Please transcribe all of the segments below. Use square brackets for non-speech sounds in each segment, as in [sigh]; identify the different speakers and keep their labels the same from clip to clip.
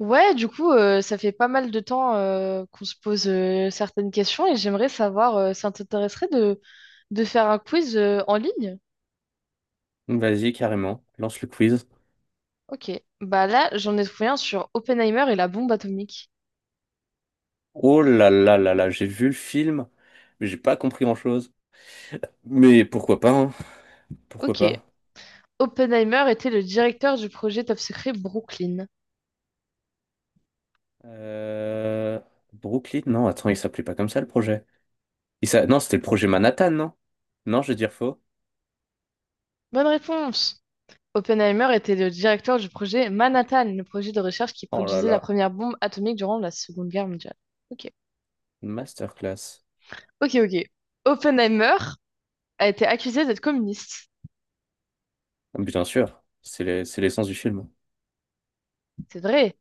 Speaker 1: Ouais, du coup, ça fait pas mal de temps qu'on se pose certaines questions et j'aimerais savoir, ça t'intéresserait de faire un quiz en ligne?
Speaker 2: Vas-y, carrément, lance le quiz.
Speaker 1: Ok. Bah là, j'en ai trouvé un sur Oppenheimer et la bombe atomique.
Speaker 2: Oh là là là là, j'ai vu le film, mais j'ai pas compris grand-chose. Mais pourquoi pas, hein? Pourquoi
Speaker 1: Ok.
Speaker 2: pas?
Speaker 1: Oppenheimer était le directeur du projet Top Secret Brooklyn.
Speaker 2: Euh... Brooklyn? Non, attends, il s'appelait pas comme ça le projet. Non, c'était le projet Manhattan, non? Non, je vais dire faux.
Speaker 1: Bonne réponse. Oppenheimer était le directeur du projet Manhattan, le projet de recherche qui
Speaker 2: Oh là
Speaker 1: produisait la
Speaker 2: là,
Speaker 1: première bombe atomique durant la Seconde Guerre mondiale. Ok.
Speaker 2: masterclass.
Speaker 1: Ok, ok. Oppenheimer a été accusé d'être communiste.
Speaker 2: Bien sûr, c'est l'essence du film.
Speaker 1: C'est vrai.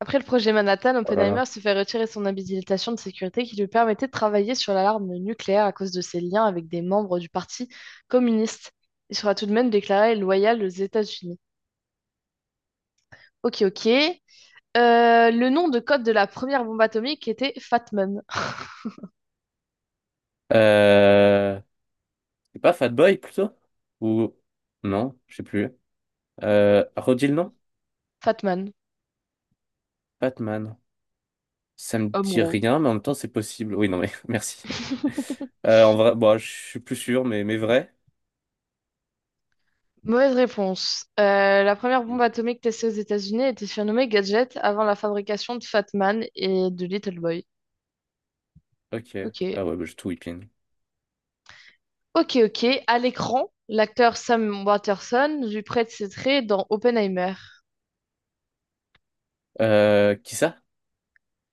Speaker 1: Après le projet Manhattan,
Speaker 2: Oh là là.
Speaker 1: Oppenheimer se fait retirer son habilitation de sécurité qui lui permettait de travailler sur l'alarme nucléaire à cause de ses liens avec des membres du Parti communiste. Il sera tout de même déclaré loyal aux États-Unis. Ok, ok. Le nom de code de la première bombe atomique était Fatman.
Speaker 2: Euh... C'est pas Fat Boy plutôt? Ou... Non, je sais plus. Redis le nom?
Speaker 1: Fatman,
Speaker 2: Batman. Ça me
Speaker 1: homme
Speaker 2: dit
Speaker 1: gros.
Speaker 2: rien, mais en même temps, c'est possible. Oui, non, mais [laughs] merci.
Speaker 1: [laughs]
Speaker 2: En vrai, bon, je suis plus sûr, mais vrai.
Speaker 1: Mauvaise réponse. La première bombe
Speaker 2: Oui.
Speaker 1: atomique testée aux États-Unis était surnommée Gadget avant la fabrication de Fatman et de Little Boy.
Speaker 2: Ok.
Speaker 1: Ok.
Speaker 2: Ah ouais, bah, j'ai tout whipping.
Speaker 1: Ok, ok. À l'écran, l'acteur Sam Waterston lui prête ses traits dans Oppenheimer.
Speaker 2: Qui ça?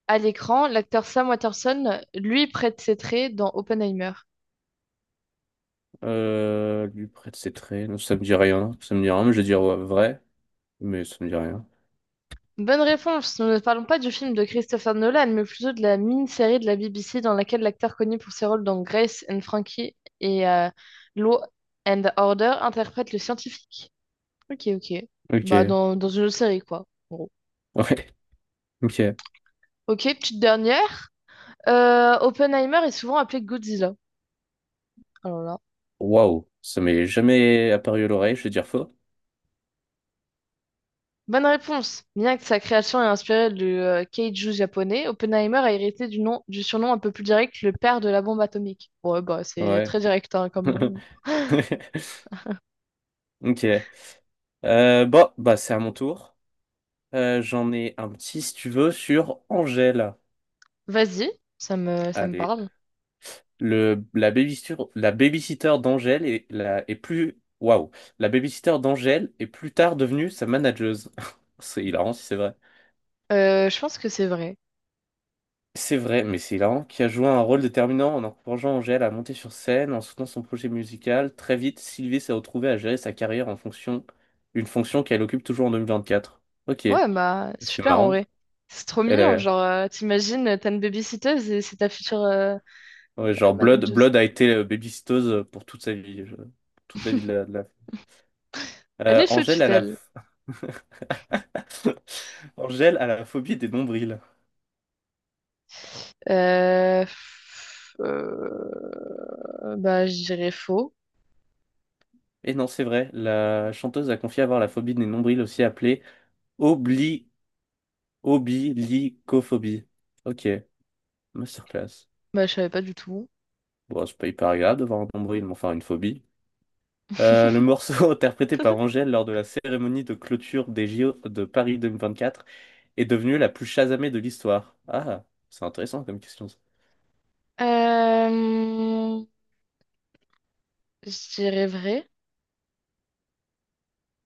Speaker 1: À l'écran, l'acteur Sam Waterston lui prête ses traits dans Oppenheimer.
Speaker 2: Lui prête ses traits. Non, ça me dit rien. Ça me dit rien, mais je vais dire ouais, vrai. Mais ça me dit rien.
Speaker 1: Bonne réponse. Nous ne parlons pas du film de Christopher Nolan, mais plutôt de la mini-série de la BBC dans laquelle l'acteur connu pour ses rôles dans Grace and Frankie et Law and Order interprète le scientifique. Ok, ok. Bah,
Speaker 2: Ok.
Speaker 1: dans une autre série, quoi, en gros.
Speaker 2: Ouais. [laughs] Ok.
Speaker 1: Ok, petite dernière. Oppenheimer est souvent appelé Godzilla. Alors là.
Speaker 2: Waouh. Ça m'est jamais apparu à l'oreille. Je vais dire faux.
Speaker 1: Bonne réponse. Bien que sa création ait inspiré le keiju japonais, Oppenheimer a hérité du nom, du surnom un peu plus direct, le père de la bombe atomique. Ouais, bah c'est
Speaker 2: Ouais.
Speaker 1: très direct hein, comme nom.
Speaker 2: [laughs] Ok. Bon, bah, c'est à mon tour. J'en ai un petit, si tu veux, sur Angèle.
Speaker 1: Vas-y, ça me
Speaker 2: Allez.
Speaker 1: parle.
Speaker 2: La babysitter d'Angèle est, est plus. Waouh! La babysitter d'Angèle est plus tard devenue sa manageuse. [laughs] C'est hilarant si c'est vrai.
Speaker 1: Je pense que c'est vrai.
Speaker 2: C'est vrai, mais c'est hilarant, qui a joué un rôle déterminant en encourageant Angèle à monter sur scène, en soutenant son projet musical. Très vite, Sylvie s'est retrouvée à gérer sa carrière en fonction, une fonction qu'elle occupe toujours en 2024. Ok,
Speaker 1: Ouais, bah
Speaker 2: c'est
Speaker 1: super en
Speaker 2: marrant.
Speaker 1: vrai. C'est trop
Speaker 2: Elle
Speaker 1: mignon,
Speaker 2: est,
Speaker 1: genre t'imagines, t'as une babysitteuse et c'est ta future
Speaker 2: ouais, genre Blood,
Speaker 1: manageuse.
Speaker 2: Blood a été babysitteuse pour toute sa vie, toute la vie
Speaker 1: Elle est sous
Speaker 2: Angèle a la...
Speaker 1: tutelle.
Speaker 2: f- [laughs] Angèle a la phobie des nombrils.
Speaker 1: Bah je dirais faux.
Speaker 2: Et non, c'est vrai, la chanteuse a confié avoir la phobie des nombrils, aussi appelée obli... oblicophobie. Ok, masterclass.
Speaker 1: Bah je savais pas du tout.
Speaker 2: Bon, c'est pas hyper agréable d'avoir un nombril, mais enfin une phobie. Le
Speaker 1: [laughs]
Speaker 2: morceau [laughs] interprété par Angèle lors de la cérémonie de clôture des JO de Paris 2024 est devenu la plus chasamée de l'histoire. Ah, c'est intéressant comme question.
Speaker 1: Euh, je dirais vrai.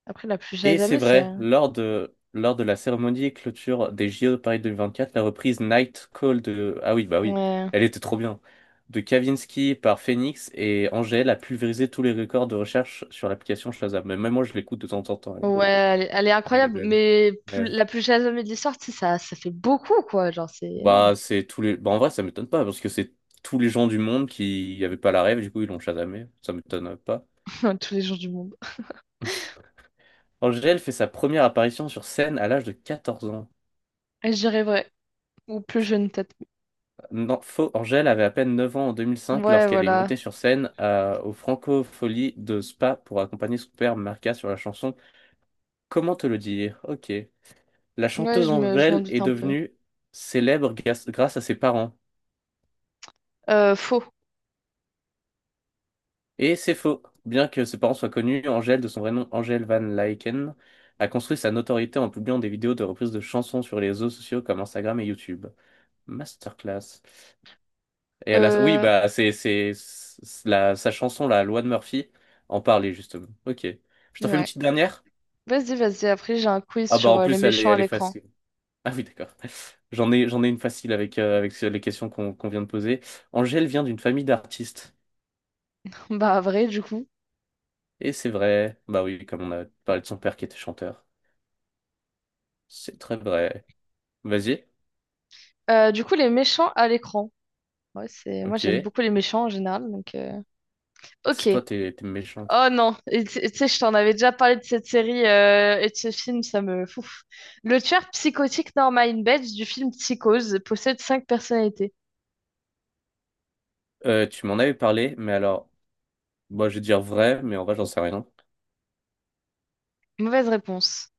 Speaker 1: Après, la plus
Speaker 2: Et c'est
Speaker 1: Shazamée,
Speaker 2: vrai,
Speaker 1: ça.
Speaker 2: lors de la cérémonie et clôture des JO de Paris quatre la reprise Night Call de... Ah oui, bah oui,
Speaker 1: Ouais.
Speaker 2: elle était trop bien. De Kavinsky par Phoenix et Angèle a pulvérisé tous les records de recherche sur l'application Shazam. Mais même moi, je l'écoute de temps en temps.
Speaker 1: Ouais, elle est
Speaker 2: Elle est
Speaker 1: incroyable,
Speaker 2: belle.
Speaker 1: mais plus,
Speaker 2: Ouais.
Speaker 1: la plus Shazamée de l'histoire, tu sais, ça fait beaucoup, quoi. Genre, c'est énorme.
Speaker 2: Bah, c'est tous les... Bah, en vrai, ça m'étonne pas, parce que c'est tous les gens du monde qui n'avaient pas la rêve, du coup, ils l'ont Shazamé. Ça m'étonne pas.
Speaker 1: [laughs] Tous les jours du monde.
Speaker 2: Angèle fait sa première apparition sur scène à l'âge de 14 ans.
Speaker 1: Et je dirais vrai. Ou plus jeune, peut-être.
Speaker 2: Non, faux. Angèle avait à peine 9 ans en 2005
Speaker 1: Ouais,
Speaker 2: lorsqu'elle est
Speaker 1: voilà.
Speaker 2: montée sur scène au Francofolie de Spa pour accompagner son père Marca sur la chanson Comment te le dire? Ok. La
Speaker 1: Ouais,
Speaker 2: chanteuse
Speaker 1: je m'en
Speaker 2: Angèle
Speaker 1: doute
Speaker 2: est
Speaker 1: un peu.
Speaker 2: devenue grâce à ses parents.
Speaker 1: Faux.
Speaker 2: Et c'est faux. Bien que ses parents soient connus, Angèle, de son vrai nom Angèle Van Lycken, a construit sa notoriété en publiant des vidéos de reprises de chansons sur les réseaux sociaux comme Instagram et YouTube. Masterclass. Oui,
Speaker 1: Euh,
Speaker 2: bah, sa chanson, la loi de Murphy, en parlait justement. Ok. Je t'en fais une
Speaker 1: ouais.
Speaker 2: petite dernière?
Speaker 1: Vas-y, vas-y. Après, j'ai un quiz
Speaker 2: Ah, bah,
Speaker 1: sur
Speaker 2: en
Speaker 1: les
Speaker 2: plus,
Speaker 1: méchants à
Speaker 2: elle est
Speaker 1: l'écran.
Speaker 2: facile. [laughs] Ah oui, d'accord. J'en ai une facile avec, avec les questions qu'on vient de poser. Angèle vient d'une famille d'artistes.
Speaker 1: [laughs] Bah, vrai, du coup.
Speaker 2: Et c'est vrai. Bah oui, comme on a parlé de son père qui était chanteur. C'est très vrai. Vas-y.
Speaker 1: Du coup, les méchants à l'écran. Ouais, c'est... Moi,
Speaker 2: Ok.
Speaker 1: j'aime beaucoup les méchants en général, donc...
Speaker 2: C'est
Speaker 1: Ok.
Speaker 2: toi, t'es méchante.
Speaker 1: Oh non, et tu sais, je t'en avais déjà parlé de cette série et de ce film, ça me fouf. Le tueur psychotique Norman Bates du film Psychose possède cinq personnalités.
Speaker 2: Tu m'en avais parlé, mais alors, moi, je vais dire vrai, mais en vrai, j'en sais rien.
Speaker 1: Mauvaise réponse.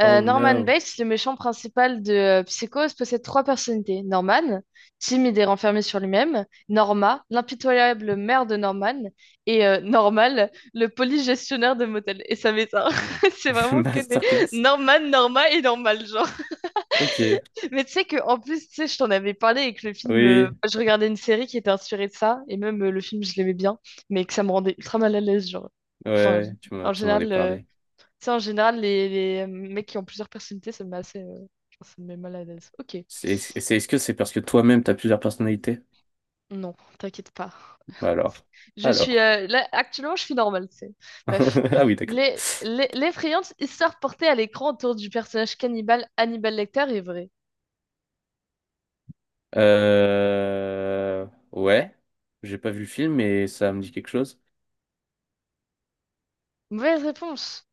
Speaker 2: Oh
Speaker 1: Norman
Speaker 2: no.
Speaker 1: Bates, le méchant principal de Psychose, possède trois personnalités. Norman, timide et renfermé sur lui-même. Norma, l'impitoyable mère de Norman. Et Normal, le police gestionnaire de motel. Et ça m'éteint. [laughs] C'est
Speaker 2: [laughs]
Speaker 1: vraiment que des
Speaker 2: Masterclass.
Speaker 1: Norman, Norma et Normal.
Speaker 2: Ok.
Speaker 1: Mais tu sais que en plus, tu sais, je t'en avais parlé avec le film.
Speaker 2: Oui,
Speaker 1: Je regardais une série qui était inspirée de ça, et même le film, je l'aimais bien, mais que ça me rendait ultra mal à l'aise, genre.
Speaker 2: ouais,
Speaker 1: Enfin,
Speaker 2: ouais,
Speaker 1: en
Speaker 2: tu m'en as
Speaker 1: général,
Speaker 2: parlé.
Speaker 1: tu sais, en général, les mecs qui ont plusieurs personnalités, ça me met assez, enfin, ça me met mal à l'aise. Ok,
Speaker 2: C'est, est-ce que c'est parce que toi-même, t'as plusieurs personnalités?
Speaker 1: non, t'inquiète pas.
Speaker 2: Bah Alors,
Speaker 1: Je suis
Speaker 2: alors.
Speaker 1: là, actuellement, je suis normale, tu sais. Bref,
Speaker 2: [laughs] Ah oui, d'accord.
Speaker 1: L'effrayante histoire portée à l'écran autour du personnage cannibale Hannibal Lecter est vraie.
Speaker 2: Euh... Ouais, j'ai pas vu le film, mais ça me dit quelque chose.
Speaker 1: Mauvaise réponse.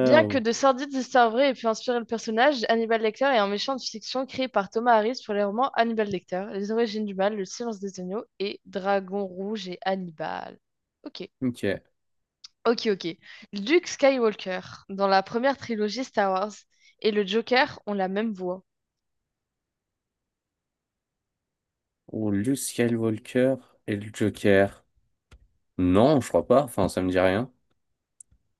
Speaker 1: Bien que de sordides histoires vraies aient pu inspirer le personnage, Hannibal Lecter est un méchant de fiction créé par Thomas Harris pour les romans Hannibal Lecter, Les Origines du Mal, Le Silence des Agneaux et Dragon Rouge et Hannibal. Ok,
Speaker 2: Ok.
Speaker 1: ok, ok. Luke Skywalker, dans la première trilogie Star Wars, et le Joker ont la même voix.
Speaker 2: Ou Luke Skywalker et le Joker. Non, je crois pas. Enfin, ça me dit rien.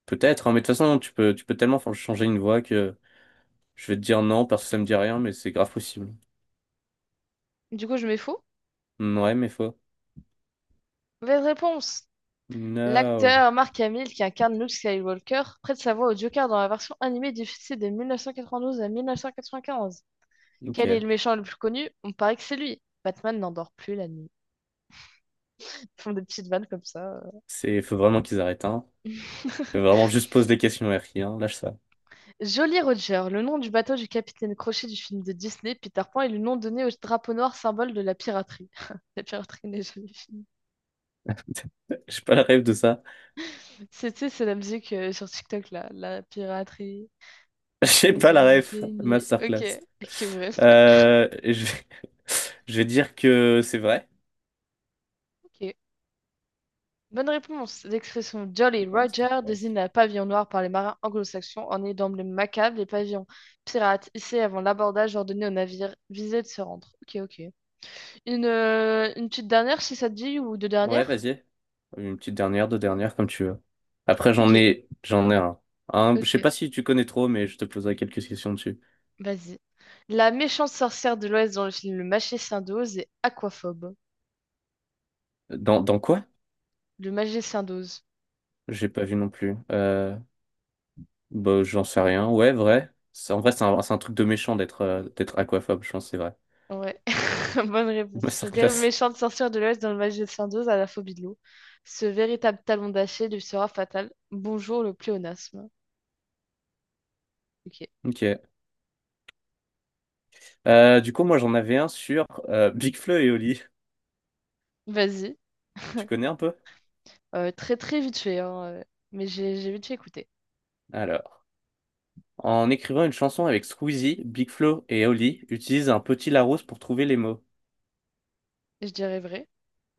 Speaker 2: Peut-être, hein, mais de toute façon, tu peux tellement changer une voix que je vais te dire non parce que ça me dit rien, mais c'est grave possible.
Speaker 1: Du coup, je mets faux?
Speaker 2: Ouais, mais faux.
Speaker 1: Mauvaise réponse!
Speaker 2: No.
Speaker 1: L'acteur Mark Hamill, qui incarne Luke Skywalker, prête sa voix au Joker dans la version animée diffusée de 1992 à 1995.
Speaker 2: Ok.
Speaker 1: Quel est le méchant le plus connu? On paraît que c'est lui. Batman n'endort plus la nuit. Ils font des petites vannes comme ça.
Speaker 2: C'est, faut vraiment qu'ils arrêtent, hein. Faut
Speaker 1: [laughs]
Speaker 2: vraiment juste pose des questions RI, hein. Lâche ça.
Speaker 1: Jolly Roger, le nom du bateau du capitaine Crochet du film de Disney, Peter Pan, est le nom donné au drapeau noir symbole de la piraterie. [laughs] La piraterie n'est jamais finie.
Speaker 2: [laughs] J'ai pas la ref de ça.
Speaker 1: C'est, tu sais, c'est la musique sur TikTok là, la piraterie
Speaker 2: [laughs] J'ai
Speaker 1: n'est
Speaker 2: pas la
Speaker 1: jamais
Speaker 2: ref.
Speaker 1: finie. Ok,
Speaker 2: Masterclass.
Speaker 1: ok, bref.
Speaker 2: Euh, je vais... [laughs] je vais dire que c'est vrai.
Speaker 1: Ok. Bonne réponse. L'expression Jolly Roger
Speaker 2: Masterclass.
Speaker 1: désigne la pavillon noir par les marins anglo-saxons en est d'emblème macabre les pavillons pirates hissés avant l'abordage ordonné aux navires visés de se rendre. Ok, ok. Une petite dernière, si ça te dit, ou deux
Speaker 2: Ouais,
Speaker 1: dernières?
Speaker 2: vas-y. Une petite dernière, deux dernières, comme tu veux. Après,
Speaker 1: Ok.
Speaker 2: j'en ai un. Je
Speaker 1: Ok,
Speaker 2: sais pas si tu connais trop, mais je te poserai quelques questions dessus.
Speaker 1: vas-y. La méchante sorcière de l'Ouest dans le film Le Magicien d'Oz est aquaphobe.
Speaker 2: Dans quoi?
Speaker 1: Le Magicien d'Oz.
Speaker 2: J'ai pas vu non plus. Bah, j'en sais rien. Ouais, vrai. En vrai, c'est un truc de méchant d'être d'être aquaphobe, je pense, c'est vrai.
Speaker 1: Ouais. [laughs] Bonne
Speaker 2: [laughs]
Speaker 1: réponse. Le terrible
Speaker 2: Masterclass.
Speaker 1: méchant de sorcière de l'Ouest dans le Magie de Saint-Dose a la phobie de l'eau. Ce véritable talon d'Achille lui sera fatal. Bonjour le pléonasme. Ok.
Speaker 2: Ok. Du coup, moi, j'en avais un sur Big Flo et Oli.
Speaker 1: Vas-y.
Speaker 2: Tu connais un peu?
Speaker 1: Très très vite fait, hein, mais j'ai vite fait écouter.
Speaker 2: Alors, en écrivant une chanson avec Squeezie, Big Flo et Oli utilisent un petit Larousse pour trouver les mots.
Speaker 1: Je dirais vrai.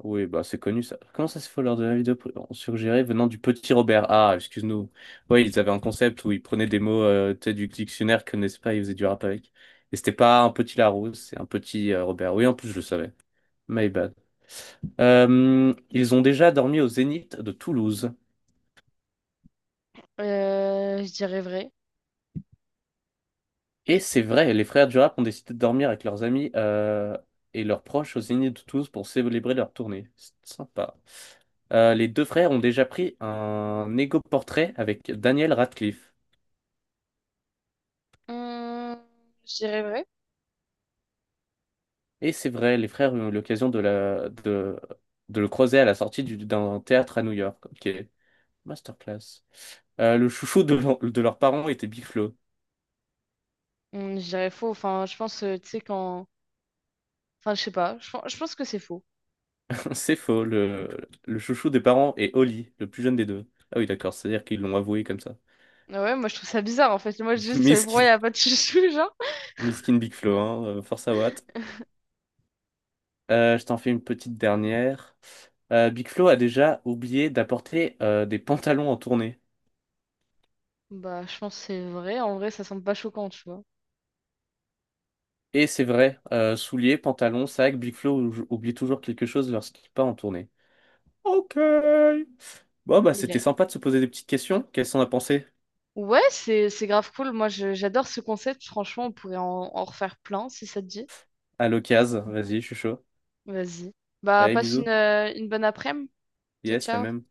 Speaker 2: Oui, bah c'est connu ça. Comment ça se fait lors de la vidéo suggérée venant du petit Robert? Ah, excuse-nous. Oui, ils avaient un concept où ils prenaient des mots tu sais, du dictionnaire qu'ils connaissaient pas, ils faisaient du rap avec. Et c'était pas un petit Larousse, c'est un petit Robert. Oui, en plus, je le savais. My bad. Ils ont déjà dormi au Zénith de Toulouse.
Speaker 1: Je dirais vrai.
Speaker 2: Et c'est vrai, les frères Durap ont décidé de dormir avec leurs amis et leurs proches au Zénith de Toulouse pour célébrer leur tournée. C'est sympa. Les deux frères ont déjà pris un égo-portrait avec Daniel Radcliffe.
Speaker 1: Hum, je dirais vrai.
Speaker 2: Et c'est vrai, les frères ont eu l'occasion de le croiser à la sortie d'un théâtre à New York. Ok, masterclass. Le chouchou de leurs parents était Big Flo.
Speaker 1: Je dirais faux. Enfin, je pense, tu sais, quand. Enfin, je sais pas. Je pense que c'est faux.
Speaker 2: [laughs] C'est faux, le chouchou des parents est Oli, le plus jeune des deux. Ah oui, d'accord, c'est-à-dire qu'ils l'ont avoué comme ça.
Speaker 1: Ah ouais, moi je trouve ça bizarre en fait. Moi,
Speaker 2: [laughs]
Speaker 1: juste, pourquoi
Speaker 2: Miskin.
Speaker 1: il n'y a pas de [laughs] chouchou, genre?
Speaker 2: Miskin Big Flo, hein, force à Watt. Je t'en fais une petite dernière. Big Flo a déjà oublié d'apporter des pantalons en tournée.
Speaker 1: Bah, je pense que c'est vrai. En vrai, ça semble pas choquant, tu vois.
Speaker 2: Et c'est vrai, souliers, pantalons, sac, Big Flo oublie toujours quelque chose lorsqu'il part en tournée. Ok. Bon, bah
Speaker 1: Il
Speaker 2: c'était
Speaker 1: est
Speaker 2: sympa de se poser des petites questions. Qu'est-ce qu'on a pensé?
Speaker 1: ouais, c'est grave cool. Moi, j'adore ce concept. Franchement, on pourrait en refaire plein si ça te dit.
Speaker 2: À l'occasion, vas-y, je suis chaud.
Speaker 1: Vas-y. Bah,
Speaker 2: Allez,
Speaker 1: passe
Speaker 2: bisous.
Speaker 1: une bonne après-midi. Ciao,
Speaker 2: Yes, la
Speaker 1: ciao.
Speaker 2: même.